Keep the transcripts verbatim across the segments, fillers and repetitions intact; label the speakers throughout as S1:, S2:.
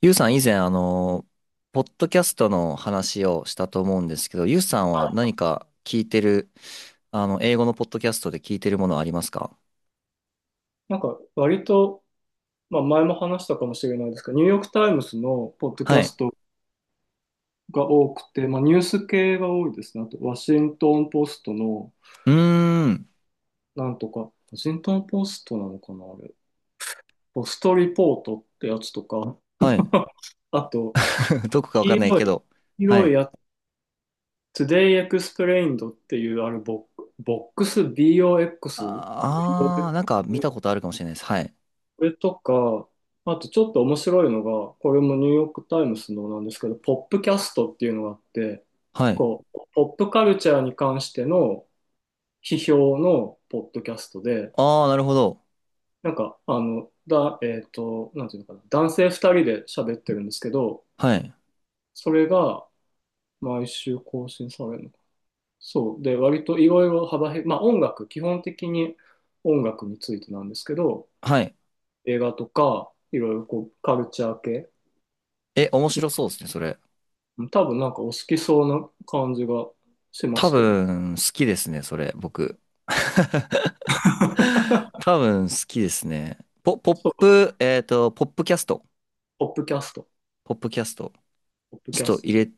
S1: ゆうさん以前、あの、ポッドキャストの話をしたと思うんですけど、ゆうさんは何か聞いてる、あの、英語のポッドキャストで聞いてるものはありますか？
S2: なんか割と、まあ、前も話したかもしれないですが、ニューヨーク・タイムズのポッドキ
S1: は
S2: ャ
S1: い。
S2: ストが多くて、まあ、ニュース系が多いですね。あと、ワシントン・ポストの、
S1: うーん。
S2: なんとか、ワシントン・ポストなのかな、あれ。ポストリポートってやつとか、
S1: はい。
S2: あと、
S1: どこかわ
S2: 黄
S1: かんない
S2: 色
S1: け
S2: い、
S1: ど。
S2: 黄
S1: は
S2: 色い
S1: い。
S2: やつ、Today Explained っていう、あれボ、ボックス、ボックス、
S1: ああー、なんか見たことあるかもしれないです。はい。
S2: これとか、あとちょっと面白いのが、これもニューヨークタイムズのなんですけど、ポップキャストっていうのがあって、
S1: はい。
S2: こう、ポップカルチャーに関しての批評のポッドキャストで、
S1: ああ、なるほど。
S2: なんか、あの、だ、えっと、なんていうのかな、男性二人で喋ってるんですけど、
S1: はい。
S2: それが毎週更新されるのか。そう。で、割といろいろ幅広い、まあ音楽、基本的に音楽についてなんですけど、
S1: はい。
S2: 映画とか、いろいろこう、カルチャー系、
S1: え、面白そうですね、それ。
S2: 多分なんかお好きそうな感じがしま
S1: 多
S2: すけどね。
S1: 分、好きですね、それ、僕。多分、好きですね。ポ、ポッ
S2: そう、
S1: プ、えっと、ポップキャスト。
S2: ポップキャスト。
S1: ポップキャスト。
S2: ポップ
S1: ちょっ
S2: キャ
S1: と
S2: スト
S1: 入
S2: で
S1: れ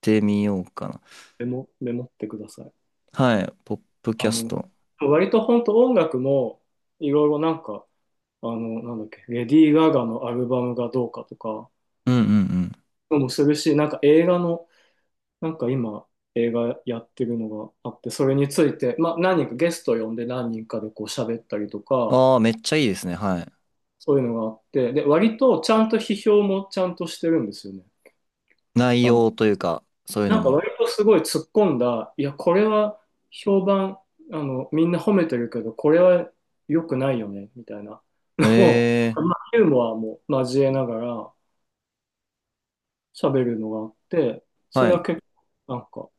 S1: てみようかな。
S2: メモ、メモってください。
S1: はい。ポップキ
S2: あ
S1: ャス
S2: の、
S1: ト。
S2: 割と本当音楽もいろいろなんか、あの、なんだっけ、レディー・ガガのアルバムがどうかとか
S1: うんうん
S2: もするし、なんか映画の、なんか今映画やってるのがあって、それについて、まあ何人かゲスト呼んで何人かでこう喋ったりと
S1: うん。
S2: か、
S1: ああ、めっちゃいいですね。はい。
S2: そういうのがあって、で、割とちゃんと批評もちゃんとしてるんですよね。
S1: 内容
S2: あ、
S1: というか、そういうの
S2: なんか
S1: も。
S2: 割とすごい突っ込んだ、いや、これは評判、あの、みんな褒めてるけど、これは良くないよね、みたいな
S1: え
S2: のを、
S1: え、
S2: まあ、ユーモアも交えながら喋るのがあって、そ
S1: は
S2: れは
S1: い。
S2: 結構、なんか、こ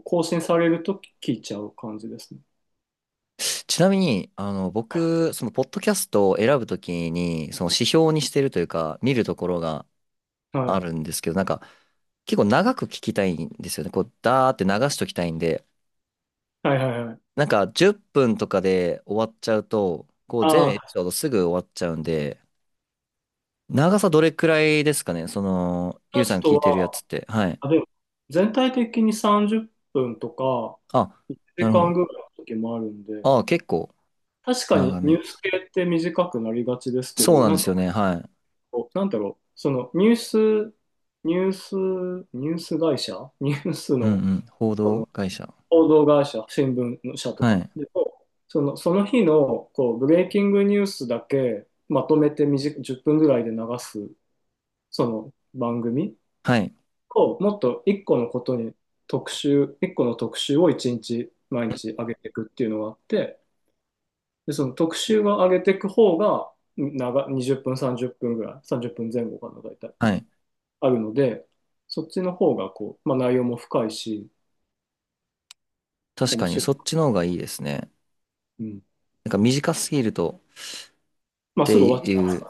S2: う更新されると聞いちゃう感じですね。
S1: ちなみに、あの、僕、その、ポッドキャストを選ぶときに、その指標にしてるというか、見るところがあ
S2: は
S1: るんですけど、なんか、結構長く聞きたいんですよね。こう、ダーって流しときたいんで、
S2: い。はいはいはい。
S1: なんか、じゅっぷんとかで終わっちゃうと、こう、全
S2: ああ、
S1: エピ
S2: タス
S1: ソードすぐ終わっちゃうんで、長さどれくらいですかねその、ゆ
S2: タ
S1: うさ
S2: ス
S1: ん聞
S2: ト
S1: いてるやつ
S2: は、
S1: って。はい。
S2: あ、でも、全体的にさんじゅっぷんとか、
S1: あ、
S2: 1
S1: なるほ
S2: 時間ぐらい
S1: ど。
S2: の時もあるんで、
S1: ああ、結構
S2: 確かに
S1: 長
S2: ニ
S1: め。
S2: ュース系って短くなりがちですけ
S1: そう
S2: ど、
S1: なん
S2: な
S1: で
S2: ん
S1: す
S2: か
S1: よね。はい。
S2: なんだろう、そのニュース、ニュース、ニュース会社、ニュース
S1: うんう
S2: の、
S1: ん。報
S2: そ
S1: 道
S2: の
S1: 会社。
S2: 報道会社、新聞の社と
S1: は
S2: か
S1: い。
S2: でも、その、その日のこうブレイキングニュースだけまとめて短くじゅっぷんぐらいで流す、その番組
S1: はい。
S2: を、もっといっこのことに特集、いっこの特集をいちにち、毎日上げていくっていうのがあって、で、その特集を上げていく方が、長、にじゅっぷん、さんじゅっぷんぐらい、さんじゅっぷんまえ後かな、大体。
S1: はい。
S2: あるので、そっちの方がこう、まあ、内容も深いし、
S1: 確
S2: 面
S1: かに、
S2: 白
S1: そ
S2: い。
S1: っちの方がいいですね。
S2: うん。
S1: なんか短すぎるとっ
S2: まあ、す
S1: て
S2: ぐ終わっちゃ
S1: い
S2: う
S1: う、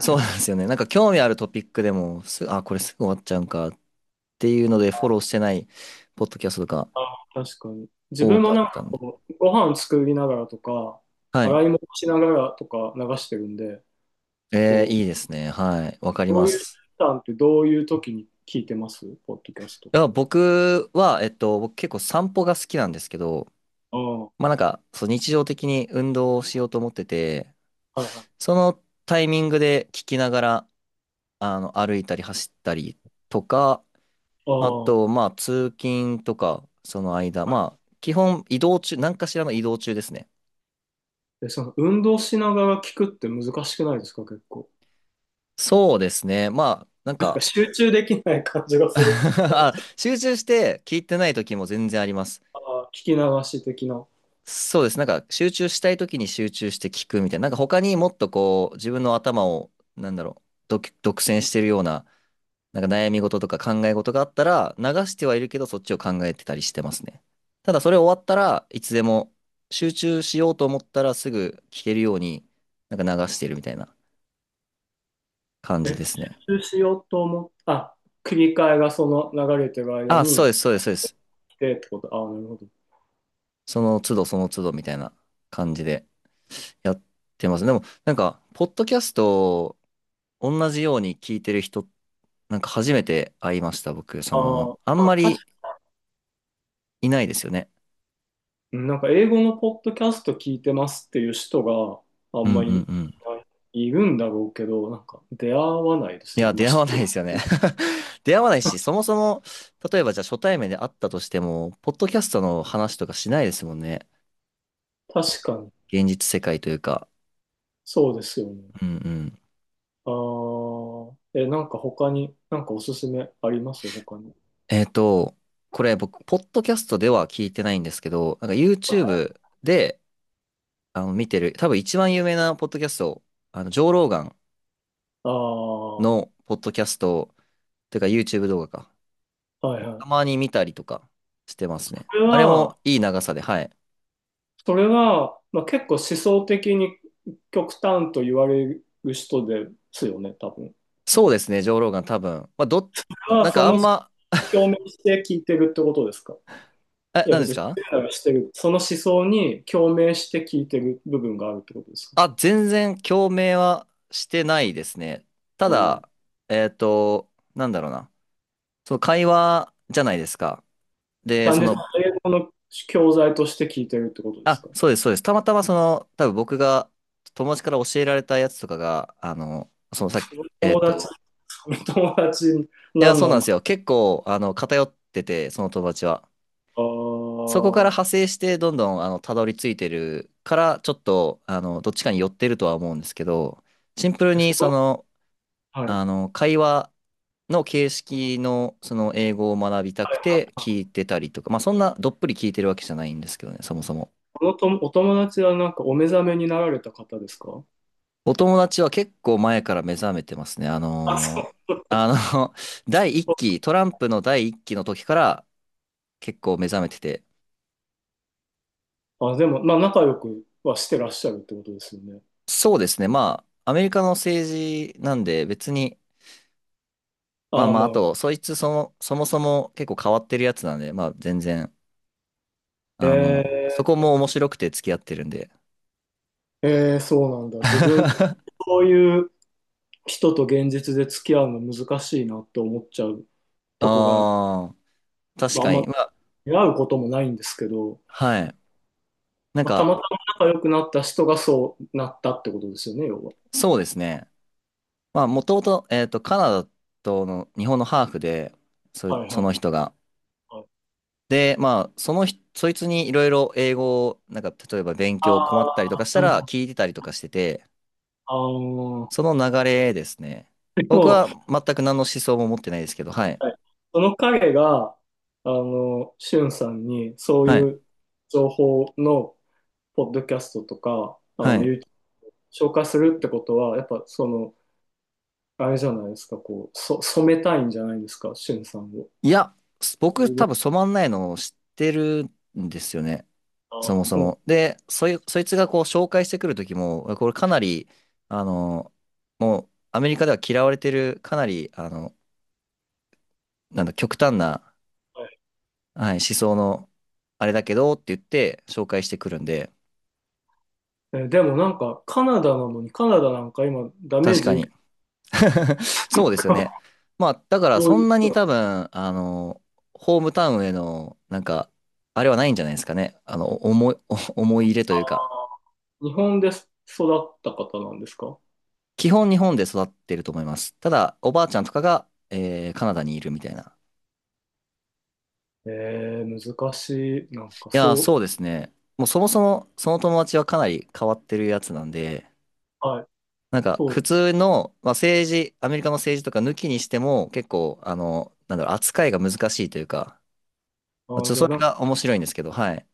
S1: そうなんですよね。なんか興味あるトピックでも、す、あ、これすぐ終わっちゃうんかっていうので、フォローしてないポッドキャストとか
S2: な。あ、確かに。自
S1: 多
S2: 分
S1: か
S2: も
S1: っ
S2: なんか
S1: たんで。
S2: こう、ご飯作りながらとか、
S1: はい。
S2: 洗い物しながらとか流してるんで、
S1: えー、
S2: こう、
S1: いいですね。はい。わかり
S2: ど
S1: ま
S2: ういう時
S1: す。
S2: 間ってどういう時に聞いてますポッドキャストっ
S1: あ、
S2: て？
S1: 僕は、えっと、僕結構散歩が好きなんですけど、
S2: ああ、は
S1: まあなんか、そう日常的に運動をしようと思ってて、
S2: いはい。
S1: そのタイミングで聞きながら、あの、歩いたり走ったりとか、あ
S2: あ
S1: と、まあ通勤とか、その間、
S2: あ、
S1: まあ、基本移動中、何かしらの移動中ですね。
S2: でその運動しながら聞くって難しくないですか、結構。
S1: そうですね。まあ、なん
S2: なんか
S1: か
S2: 集中できない感じが する。
S1: あ集中して聞いてない時も全然あります。
S2: ああ、聞き流し的な。
S1: そうです。なんか集中したい時に集中して聞くみたいな。なんか他にもっとこう自分の頭をなんだろう、独独占してるような、なんか悩み事とか考え事があったら流してはいるけどそっちを考えてたりしてますね。ただそれ終わったらいつでも集中しようと思ったらすぐ聞けるようになんか流してるみたいな感じ
S2: え、
S1: ですね。
S2: 復習しようと思っあ、切り替えがその流れてる間
S1: あ、そう
S2: に
S1: です、そうです、そうです。
S2: 来てってこと。ああ、なるほど。
S1: その都度その都度みたいな感じでやってます。でもなんかポッドキャストを同じように聞いてる人なんか初めて会いました、僕。そ
S2: ああ、
S1: の、あ
S2: ま
S1: ん
S2: あ、
S1: ま
S2: 確
S1: り
S2: か
S1: いないですよね。
S2: に、なんか英語のポッドキャスト聞いてますっていう人があ
S1: う
S2: ん
S1: ん
S2: ま
S1: う
S2: り
S1: ん
S2: い
S1: うん。
S2: ない、いるんだろうけど、なんか出会わないで
S1: い
S2: すよ
S1: や、
S2: ね。まあ、
S1: 出会
S2: 一
S1: わない
S2: 人
S1: ですよね。出会わないし、そもそも、例えばじゃあ初対面で会ったとしても、ポッドキャストの話とかしないですもんね。
S2: 確かに、
S1: 現実世界というか。
S2: そうですよね。
S1: うんうん。
S2: ああ、え、なんか他に、なんかおすすめあります他に。
S1: えっと、これ僕、ポッドキャストでは聞いてないんですけど、なんか
S2: あ
S1: YouTube で、あの、見てる、多分一番有名なポッドキャスト、あの、ジョー・ローガン
S2: あ、は
S1: のポッドキャスト、というか YouTube 動画か。
S2: いは
S1: た
S2: い。
S1: まに見たりとかしてますね。
S2: これ
S1: あれ
S2: は、
S1: もいい長さで、はい。
S2: それは、まあ、結構思想的に極端と言われる人ですよね、多分。
S1: そうですね、上ローガン多分。まあ、ど、
S2: それは
S1: なん
S2: そ
S1: かあ
S2: の
S1: んま、
S2: 共鳴して聞いてるってことですか？
S1: え、
S2: いや、
S1: 何で
S2: 別
S1: す
S2: にし
S1: か？
S2: てるならしてる。その思想に共鳴して聞いてる部分があるってことですか？
S1: あ、全然共鳴はしてないですね。た
S2: うん、
S1: だ、えっと、なんだろうな。その会話じゃないですか。で、
S2: 単
S1: そ
S2: 純に
S1: の、
S2: 英語の教材として聞いてるってことです
S1: あ、
S2: か？
S1: そうです、そうです。たまたまその、多分僕が友達から教えられたやつとかが、あの、そのさっき、えっ
S2: 友達、
S1: と、
S2: 友達
S1: いや、
S2: 何
S1: そう
S2: な
S1: なん
S2: ん
S1: で
S2: だ。
S1: すよ。結構、あの、偏ってて、その友達は。
S2: あ
S1: そこから
S2: ー
S1: 派生してどんどんあのたどり着いてるからちょっとあのどっちかに寄ってるとは思うんですけどシンプル
S2: え、そ
S1: にそ
S2: の
S1: の
S2: はい。は
S1: あ
S2: い
S1: の会話の形式のその英語を学びた
S2: は
S1: く
S2: い
S1: て
S2: は
S1: 聞
S2: い。
S1: いてたりとかまあそんなどっぷり聞いてるわけじゃないんですけどねそもそも
S2: このとお友達はなんかお目覚めになられた方ですか？
S1: お友達は結構前から目覚めてますねあ
S2: あ、そ
S1: のー
S2: う。
S1: あの 第一期トランプの第一期の時から結構目覚めてて
S2: あ、でも、まあ、仲良くはしてらっしゃるってことですよね。
S1: そうですねまあアメリカの政治なんで別にまあ
S2: ああ、
S1: まあ、
S2: ま
S1: あ
S2: あ、
S1: と、そいつそも、そもそも結構変わってるやつなんで、まあ全然、あの、そこ
S2: え
S1: も面白くて付き合ってるんで。
S2: ー、えー、そうなんだ。自分、そういう人と現実で付き合うの難しいなって思っちゃうとこがある。
S1: ああ、確
S2: まあ、あん
S1: か
S2: ま
S1: に。まあ、
S2: 出会うこともないんですけど、
S1: はい。なん
S2: まあ、た
S1: か、
S2: またま仲良くなった人がそうなったってことですよね、要は。
S1: そうですね。まあ、もともと、えっと、カナダとの日本のハーフで、そ、
S2: はい
S1: そ
S2: は
S1: の
S2: い
S1: 人が。
S2: はい。
S1: で、まあ、その人、そいつにいろいろ英語を、なんか、例えば勉
S2: あ
S1: 強困ったりとか
S2: あ、
S1: した
S2: なるほ
S1: ら
S2: ど。
S1: 聞いてたりとかしてて、
S2: ああ、
S1: その流れですね。
S2: で
S1: 僕
S2: も、
S1: は全く何の思想も持ってないですけど、はい。
S2: はい、その彼が、あの、しゅんさんにそう
S1: はい。
S2: いう情報のポッドキャストとか、あ
S1: は
S2: の、
S1: い。
S2: YouTube 紹介するってことは、やっぱその、あれじゃないですか、こう、そ、染めたいんじゃないですか、しゅんさんを。
S1: いや、す僕多分染まんないのを知ってるんですよね。
S2: あ
S1: そ
S2: ー
S1: もそ
S2: そう、
S1: も。で、そい、そいつがこう紹介してくる時も、これかなり、あの、もうアメリカでは嫌われてる、かなり、あの、なんだ、極端な、
S2: はい。
S1: はい、思想の、あれだけどって言って紹介してくるんで、
S2: えーでもなんか、カナダなのに、カナダなんか今、ダメー
S1: 確か
S2: ジ受
S1: に。
S2: け、
S1: そうですよね。まあ、だから
S2: どう
S1: そ
S2: いう
S1: ん
S2: こ
S1: な
S2: と
S1: に
S2: なの。
S1: 多分、あの、ホームタウンへの、なんか、あれはないんじゃないですかね。あの、思い、思い入れと
S2: あ
S1: いうか。
S2: ー日本で育った方なんですか？
S1: 基本日本で育ってると思います。ただ、おばあちゃんとかが、えーカナダにいるみたいな。
S2: えー、難しい。なん
S1: い
S2: か、
S1: やー、
S2: そ
S1: そうですね。もうそもそもその友達はかなり変わってるやつなんで、
S2: う、はい、
S1: なんか
S2: そう。
S1: 普通の、まあ、政治、アメリカの政治とか抜きにしても結構、あの、なんだろう、扱いが難しいというか、
S2: あ
S1: まあち
S2: ー、
S1: ょっと
S2: じゃあ、
S1: そ
S2: な
S1: れ
S2: んか、
S1: が面白いんですけど、はい。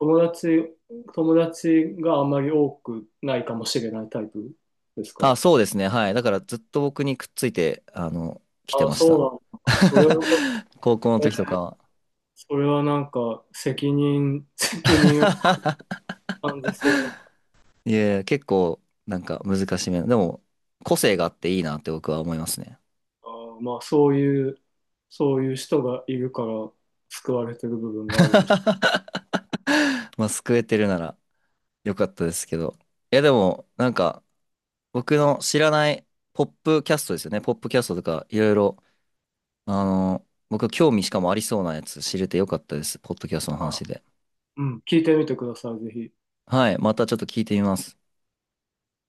S2: 友達、友達があんまり多くないかもしれないタイプです
S1: あ、
S2: か？
S1: そうですね。はい。だからずっと僕にくっついて、あの、来て
S2: あー、
S1: まし
S2: そう
S1: た。
S2: なんだ。それは
S1: 高校の
S2: え
S1: 時と
S2: ー
S1: かは。
S2: それはなんか責任、責任を感じそうな、
S1: いや結構、なんか難しめな。でも、個性があっていいなって僕は思いますね。
S2: あーまあそういう、そういう人がいるから救われてる部分があるんでしょ
S1: まあ、救えてるならよかったですけど。いや、でも、なんか、僕の知らないポップキャストですよね。ポップキャストとか、いろいろ、あの、僕興味しかもありそうなやつ知れてよかったです。ポッドキャストの
S2: うか。
S1: 話で。
S2: うん、聞いてみてください、ぜひ。
S1: はい、またちょっと聞いてみます。